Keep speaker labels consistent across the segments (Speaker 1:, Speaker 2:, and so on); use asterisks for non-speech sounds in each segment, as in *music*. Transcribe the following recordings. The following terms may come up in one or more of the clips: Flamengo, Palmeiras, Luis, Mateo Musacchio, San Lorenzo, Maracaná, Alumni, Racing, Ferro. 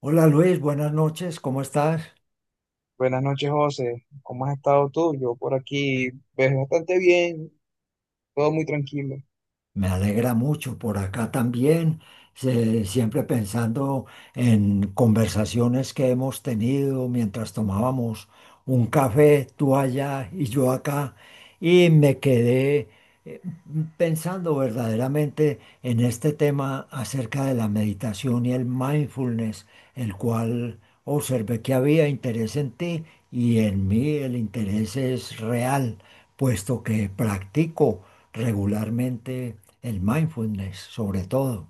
Speaker 1: Hola Luis, buenas noches, ¿cómo estás?
Speaker 2: Buenas noches, José. ¿Cómo has estado tú? Yo por aquí, pues bastante bien, todo muy tranquilo.
Speaker 1: Me alegra mucho por acá también, siempre pensando en conversaciones que hemos tenido mientras tomábamos un café, tú allá y yo acá, y me quedé eh, pensando verdaderamente en este tema acerca de la meditación y el mindfulness, el cual observé que había interés en ti y en mí el interés es real, puesto que practico regularmente el mindfulness, sobre todo.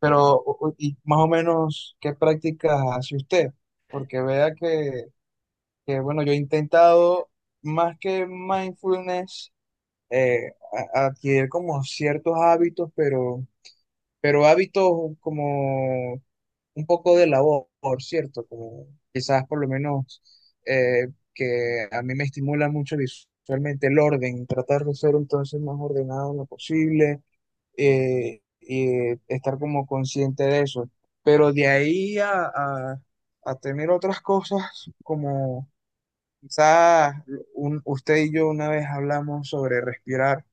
Speaker 2: Pero, y más o menos, ¿qué prácticas hace usted? Porque vea bueno, yo he intentado más que mindfulness, eh, adquirir como ciertos hábitos, pero hábitos como un poco de labor, ¿cierto? Como quizás por lo menos eh, que a mí me estimula mucho visualmente el orden, tratar de ser entonces más ordenado en lo posible, y estar como consciente de eso. Pero de ahí a tener otras cosas como quizás un- usted y yo una vez hablamos sobre respirar,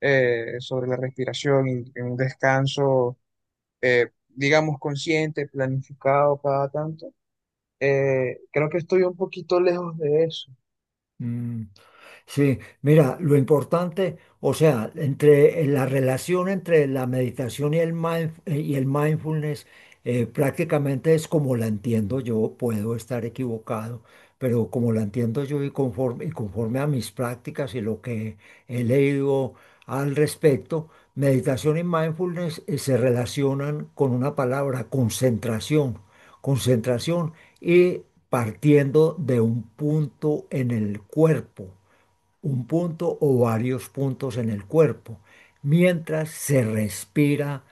Speaker 2: sobre la respiración y un descanso. Digamos, consciente, planificado cada tanto, creo que estoy un poquito lejos de eso.
Speaker 1: Mm. Sí, mira, lo importante, o sea, entre la relación entre la meditación y el y el mindfulness, prácticamente es como la entiendo yo, puedo estar equivocado, pero como la entiendo yo y conforme a mis prácticas y lo que he leído al respecto, meditación y mindfulness, se relacionan con una palabra, concentración, concentración y partiendo de un punto en el cuerpo un punto o varios puntos en el cuerpo, mientras se respira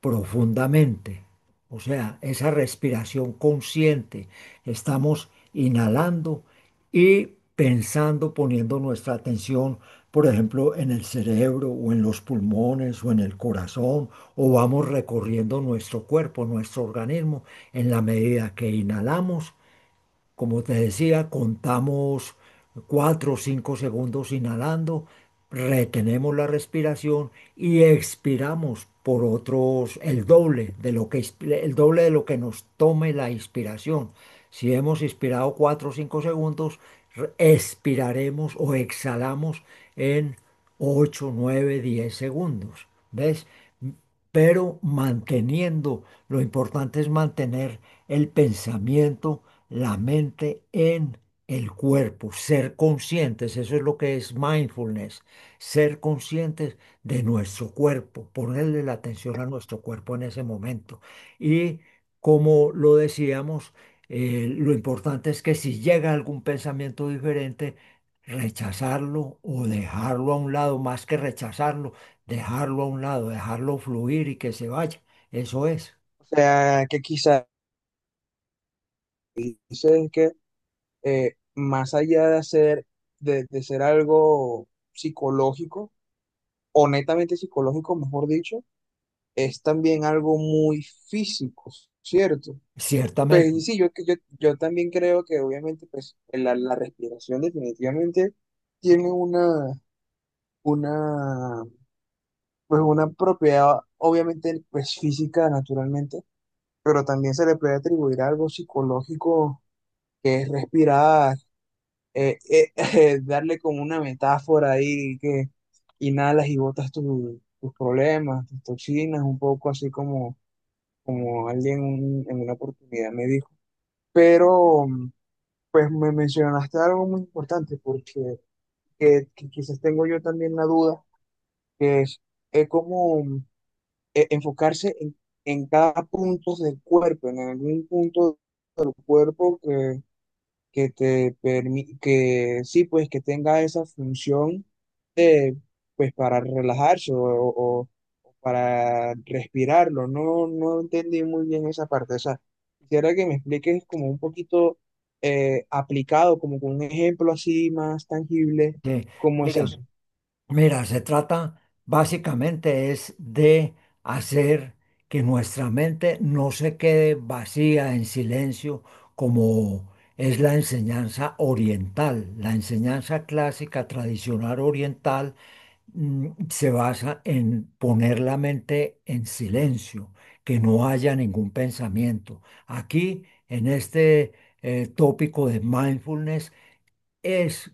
Speaker 1: profundamente. O sea, esa respiración consciente. Estamos inhalando y pensando, poniendo nuestra atención, por ejemplo, en el cerebro o en los pulmones o en el corazón, o vamos recorriendo nuestro cuerpo, nuestro organismo, en la medida que inhalamos como te decía, contamos 4 o 5 segundos inhalando, retenemos la respiración y expiramos por otros el doble de lo que el doble de lo que nos tome la inspiración. Si hemos inspirado 4 o 5 segundos, expiraremos o exhalamos en 8, 9, 10 segundos. ¿Ves? Pero manteniendo, lo importante es mantener el pensamiento, la mente en el cuerpo, ser conscientes, eso es lo que es mindfulness, ser conscientes de nuestro cuerpo, ponerle la atención a nuestro cuerpo en ese momento. Y como lo decíamos, lo importante es que si llega algún pensamiento diferente, rechazarlo o dejarlo a un lado, más que rechazarlo dejarlo a un lado, dejarlo fluir y que se vaya. Eso es,
Speaker 2: O sea, que quizás dices que más allá de hacer, de ser algo psicológico, o netamente psicológico, mejor dicho, es también algo muy físico, ¿cierto? Pues y
Speaker 1: ciertamente.
Speaker 2: sí, yo también creo que obviamente pues, la respiración definitivamente tiene una, pues, una propiedad obviamente pues, física naturalmente, pero también se le puede atribuir algo psicológico, que es respirar, *laughs* darle como una metáfora ahí, que inhalas y botas tu- tus problemas, tus toxinas, un poco así como, como alguien un- en una oportunidad me dijo. Pero mm, pues me mencionaste algo muy importante, porque que quizás tengo yo también la duda, que es cómo enfocarse en cada punto del cuerpo, en algún punto del cuerpo que te permite, que sí, pues que tenga esa función de, pues para relajarse o para respirarlo. No, no entendí muy bien esa parte. O sea, quisiera que me expliques como un poquito, aplicado, como con un ejemplo así más tangible,
Speaker 1: Sí.
Speaker 2: cómo es
Speaker 1: Mira,
Speaker 2: eso.
Speaker 1: mira, se trata básicamente es de hacer que nuestra mente no se quede vacía en silencio como es la enseñanza oriental, la enseñanza clásica tradicional oriental se basa en poner la mente en silencio, que no haya ningún pensamiento. Aquí, en este tópico de mindfulness, es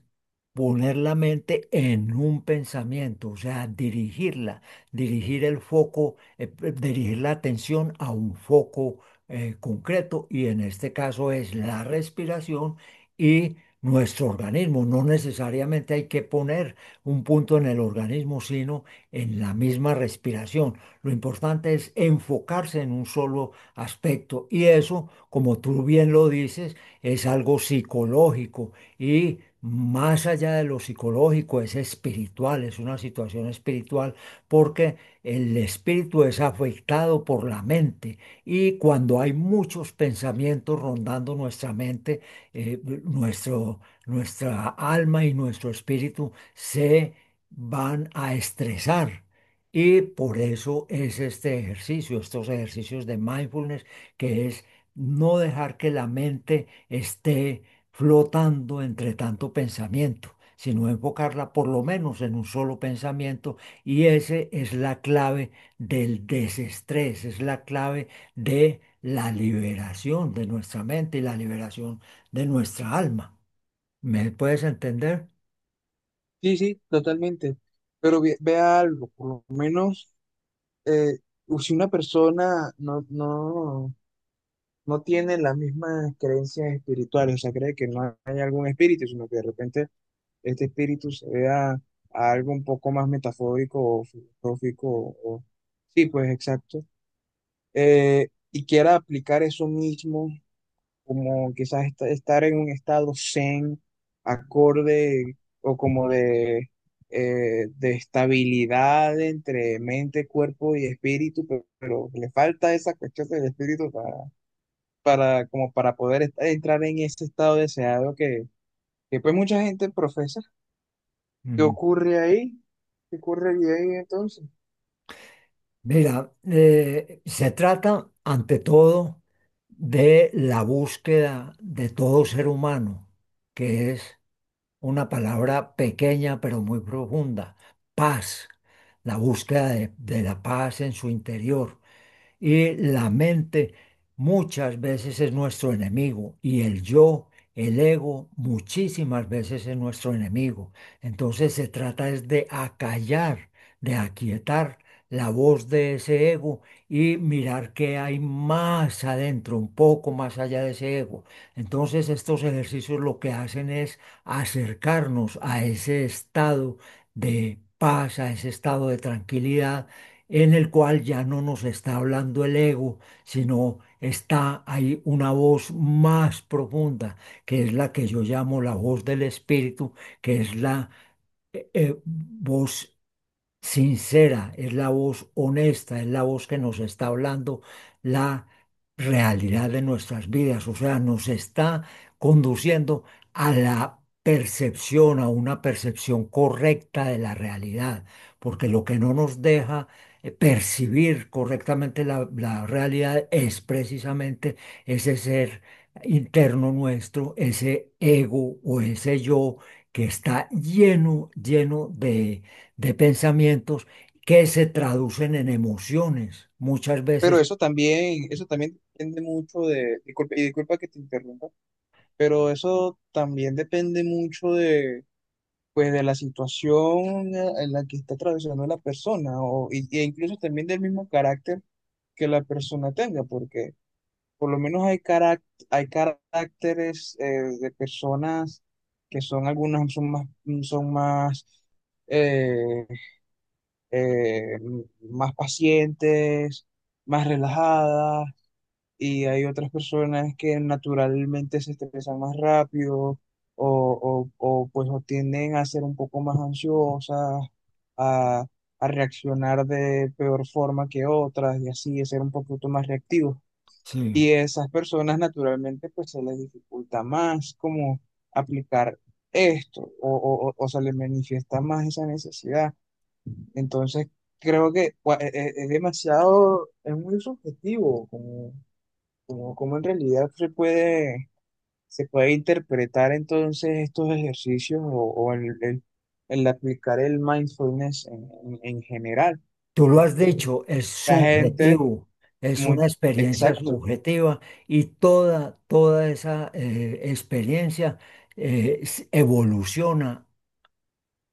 Speaker 1: poner la mente en un pensamiento, o sea, dirigirla, dirigir el foco, dirigir la atención a un foco concreto y en este caso es la respiración y nuestro organismo. No necesariamente hay que poner un punto en el organismo, sino en la misma respiración. Lo importante es enfocarse en un solo aspecto y eso, como tú bien lo dices, es algo psicológico y más allá de lo psicológico, es espiritual, es una situación espiritual, porque el espíritu es afectado por la mente. Y cuando hay muchos pensamientos rondando nuestra mente, eh, nuestro, nuestra alma y nuestro espíritu se van a estresar. Y por eso es este ejercicio, estos ejercicios de mindfulness, que es no dejar que la mente esté flotando entre tanto pensamiento, sino enfocarla por lo menos en un solo pensamiento y ese es la clave del desestrés, es la clave de la liberación de nuestra mente y la liberación de nuestra alma. ¿Me puedes entender?
Speaker 2: Sí, sí, totalmente. Pero ve, vea algo, por lo menos, eh, si una persona no, no no tiene las mismas creencias espirituales, o sea, cree que no hay algún espíritu, sino que de repente este espíritu se vea a algo un poco más metafórico o filosófico, o- sí, pues exacto. Y quiera aplicar eso mismo, como quizás est- estar en un estado zen, acorde o como de estabilidad entre mente, cuerpo y espíritu, pero le falta esa cuestión del espíritu para, como para poder est- entrar en ese estado deseado que pues mucha gente profesa. ¿Qué
Speaker 1: Mm.
Speaker 2: ocurre ahí? ¿Qué ocurre ahí entonces?
Speaker 1: Mira, se trata ante todo de la búsqueda de todo ser humano, que es una palabra pequeña pero muy profunda, paz, la búsqueda de la paz en su interior. Y la mente muchas veces es nuestro enemigo y el yo, el ego, muchísimas veces es nuestro enemigo. Entonces se trata es de acallar, de aquietar la voz de ese ego y mirar qué hay más adentro, un poco más allá de ese ego. Entonces estos ejercicios lo que hacen es acercarnos a ese estado de paz, a ese estado de tranquilidad en el cual ya no nos está hablando el ego, sino está ahí una voz más profunda, que es la que yo llamo la voz del espíritu, que es la voz sincera, es la voz honesta, es la voz que nos está hablando la realidad de nuestras vidas, o sea, nos está conduciendo a la percepción, a una percepción correcta de la realidad, porque lo que no nos deja percibir correctamente la realidad es precisamente ese ser interno nuestro, ese ego o ese yo que está lleno, lleno de pensamientos que se traducen en emociones. Muchas
Speaker 2: Pero
Speaker 1: veces,
Speaker 2: eso también depende mucho de, disculpa, y disculpa que te interrumpa, pero eso también depende mucho de, pues, de la situación, en la que está atravesando la persona, o, y- e incluso también del mismo carácter que la persona tenga, porque por lo menos hay hay caracteres, de personas que son, algunas son más son más eh, eh, más pacientes, más relajadas, y hay otras personas que naturalmente se estresan más rápido pues o tienden a ser un poco más ansiosas, a, a reaccionar de peor forma que otras y así a ser un poquito más reactivos.
Speaker 1: sí,
Speaker 2: Y esas personas naturalmente pues se les dificulta más como aplicar esto o, o se les manifiesta más esa necesidad. Entonces creo que es, demasiado, es muy subjetivo como, como en realidad se puede interpretar entonces estos ejercicios o el, el aplicar el mindfulness en general,
Speaker 1: tú lo has
Speaker 2: porque
Speaker 1: dicho, es
Speaker 2: la gente,
Speaker 1: subjetivo, es
Speaker 2: muy,
Speaker 1: una experiencia
Speaker 2: exacto.
Speaker 1: subjetiva y toda, toda esa experiencia evoluciona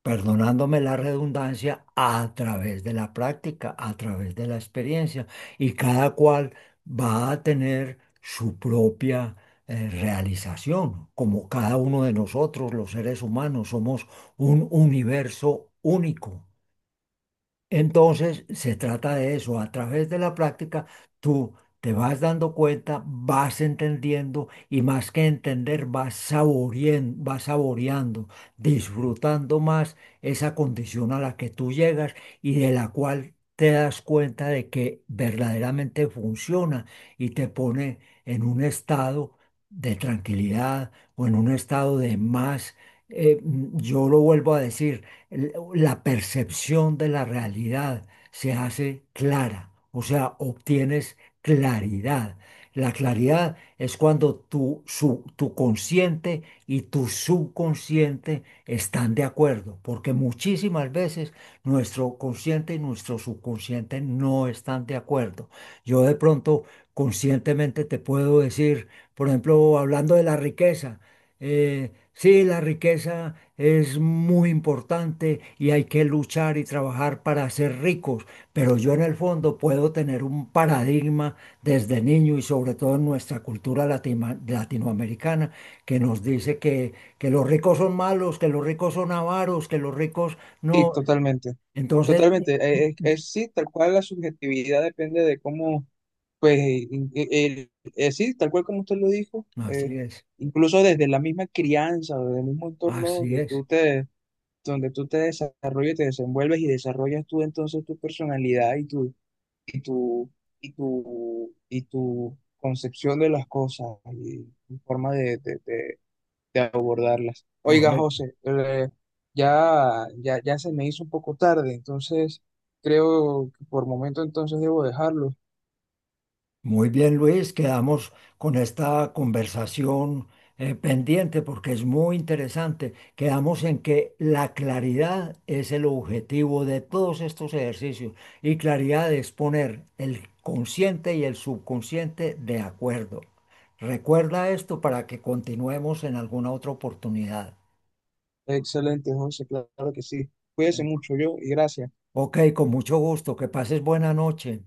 Speaker 1: perdonándome la redundancia, a través de la práctica, a través de la experiencia. Y cada cual va a tener su propia realización, como cada uno de nosotros, los seres humanos, somos un universo único. Entonces, se trata de eso. A través de la práctica, tú te vas dando cuenta, vas entendiendo y más que entender, vas saboreando, disfrutando más esa condición a la que tú llegas y de la cual te das cuenta de que verdaderamente funciona y te pone en un estado de tranquilidad o en un estado de más. Yo lo vuelvo a decir la percepción de la realidad se hace clara, o sea, obtienes claridad. La claridad es cuando tu consciente y tu subconsciente están de acuerdo, porque muchísimas veces nuestro consciente y nuestro subconsciente no están de acuerdo. Yo de pronto conscientemente te puedo decir, por ejemplo, hablando de la riqueza, sí, la riqueza es muy importante y hay que luchar y trabajar para ser ricos, pero yo en el fondo puedo tener un paradigma desde niño y sobre todo en nuestra cultura latinoamericana que nos dice que, los ricos son malos, que los ricos son avaros, que los ricos
Speaker 2: Sí,
Speaker 1: no.
Speaker 2: totalmente.
Speaker 1: Entonces,
Speaker 2: Totalmente. Es- sí, tal cual la subjetividad depende de cómo, pues, in- el, sí, tal cual como usted lo dijo,
Speaker 1: así es,
Speaker 2: incluso desde la misma crianza, desde el mismo entorno
Speaker 1: así es,
Speaker 2: donde tú te desarrollas, te desenvuelves y desarrollas tú entonces tu personalidad y tu, y tu concepción de las cosas y tu forma de abordarlas. Oiga,
Speaker 1: correcto.
Speaker 2: José, ya se me hizo un poco tarde, entonces creo que por momento entonces debo dejarlo.
Speaker 1: Muy bien, Luis, quedamos con esta conversación pendiente porque es muy interesante. Quedamos en que la claridad es el objetivo de todos estos ejercicios y claridad es poner el consciente y el subconsciente de acuerdo. Recuerda esto para que continuemos en alguna otra oportunidad.
Speaker 2: Excelente, José, claro que sí. Cuídese mucho yo y gracias.
Speaker 1: Ok, con mucho gusto. Que pases buena noche.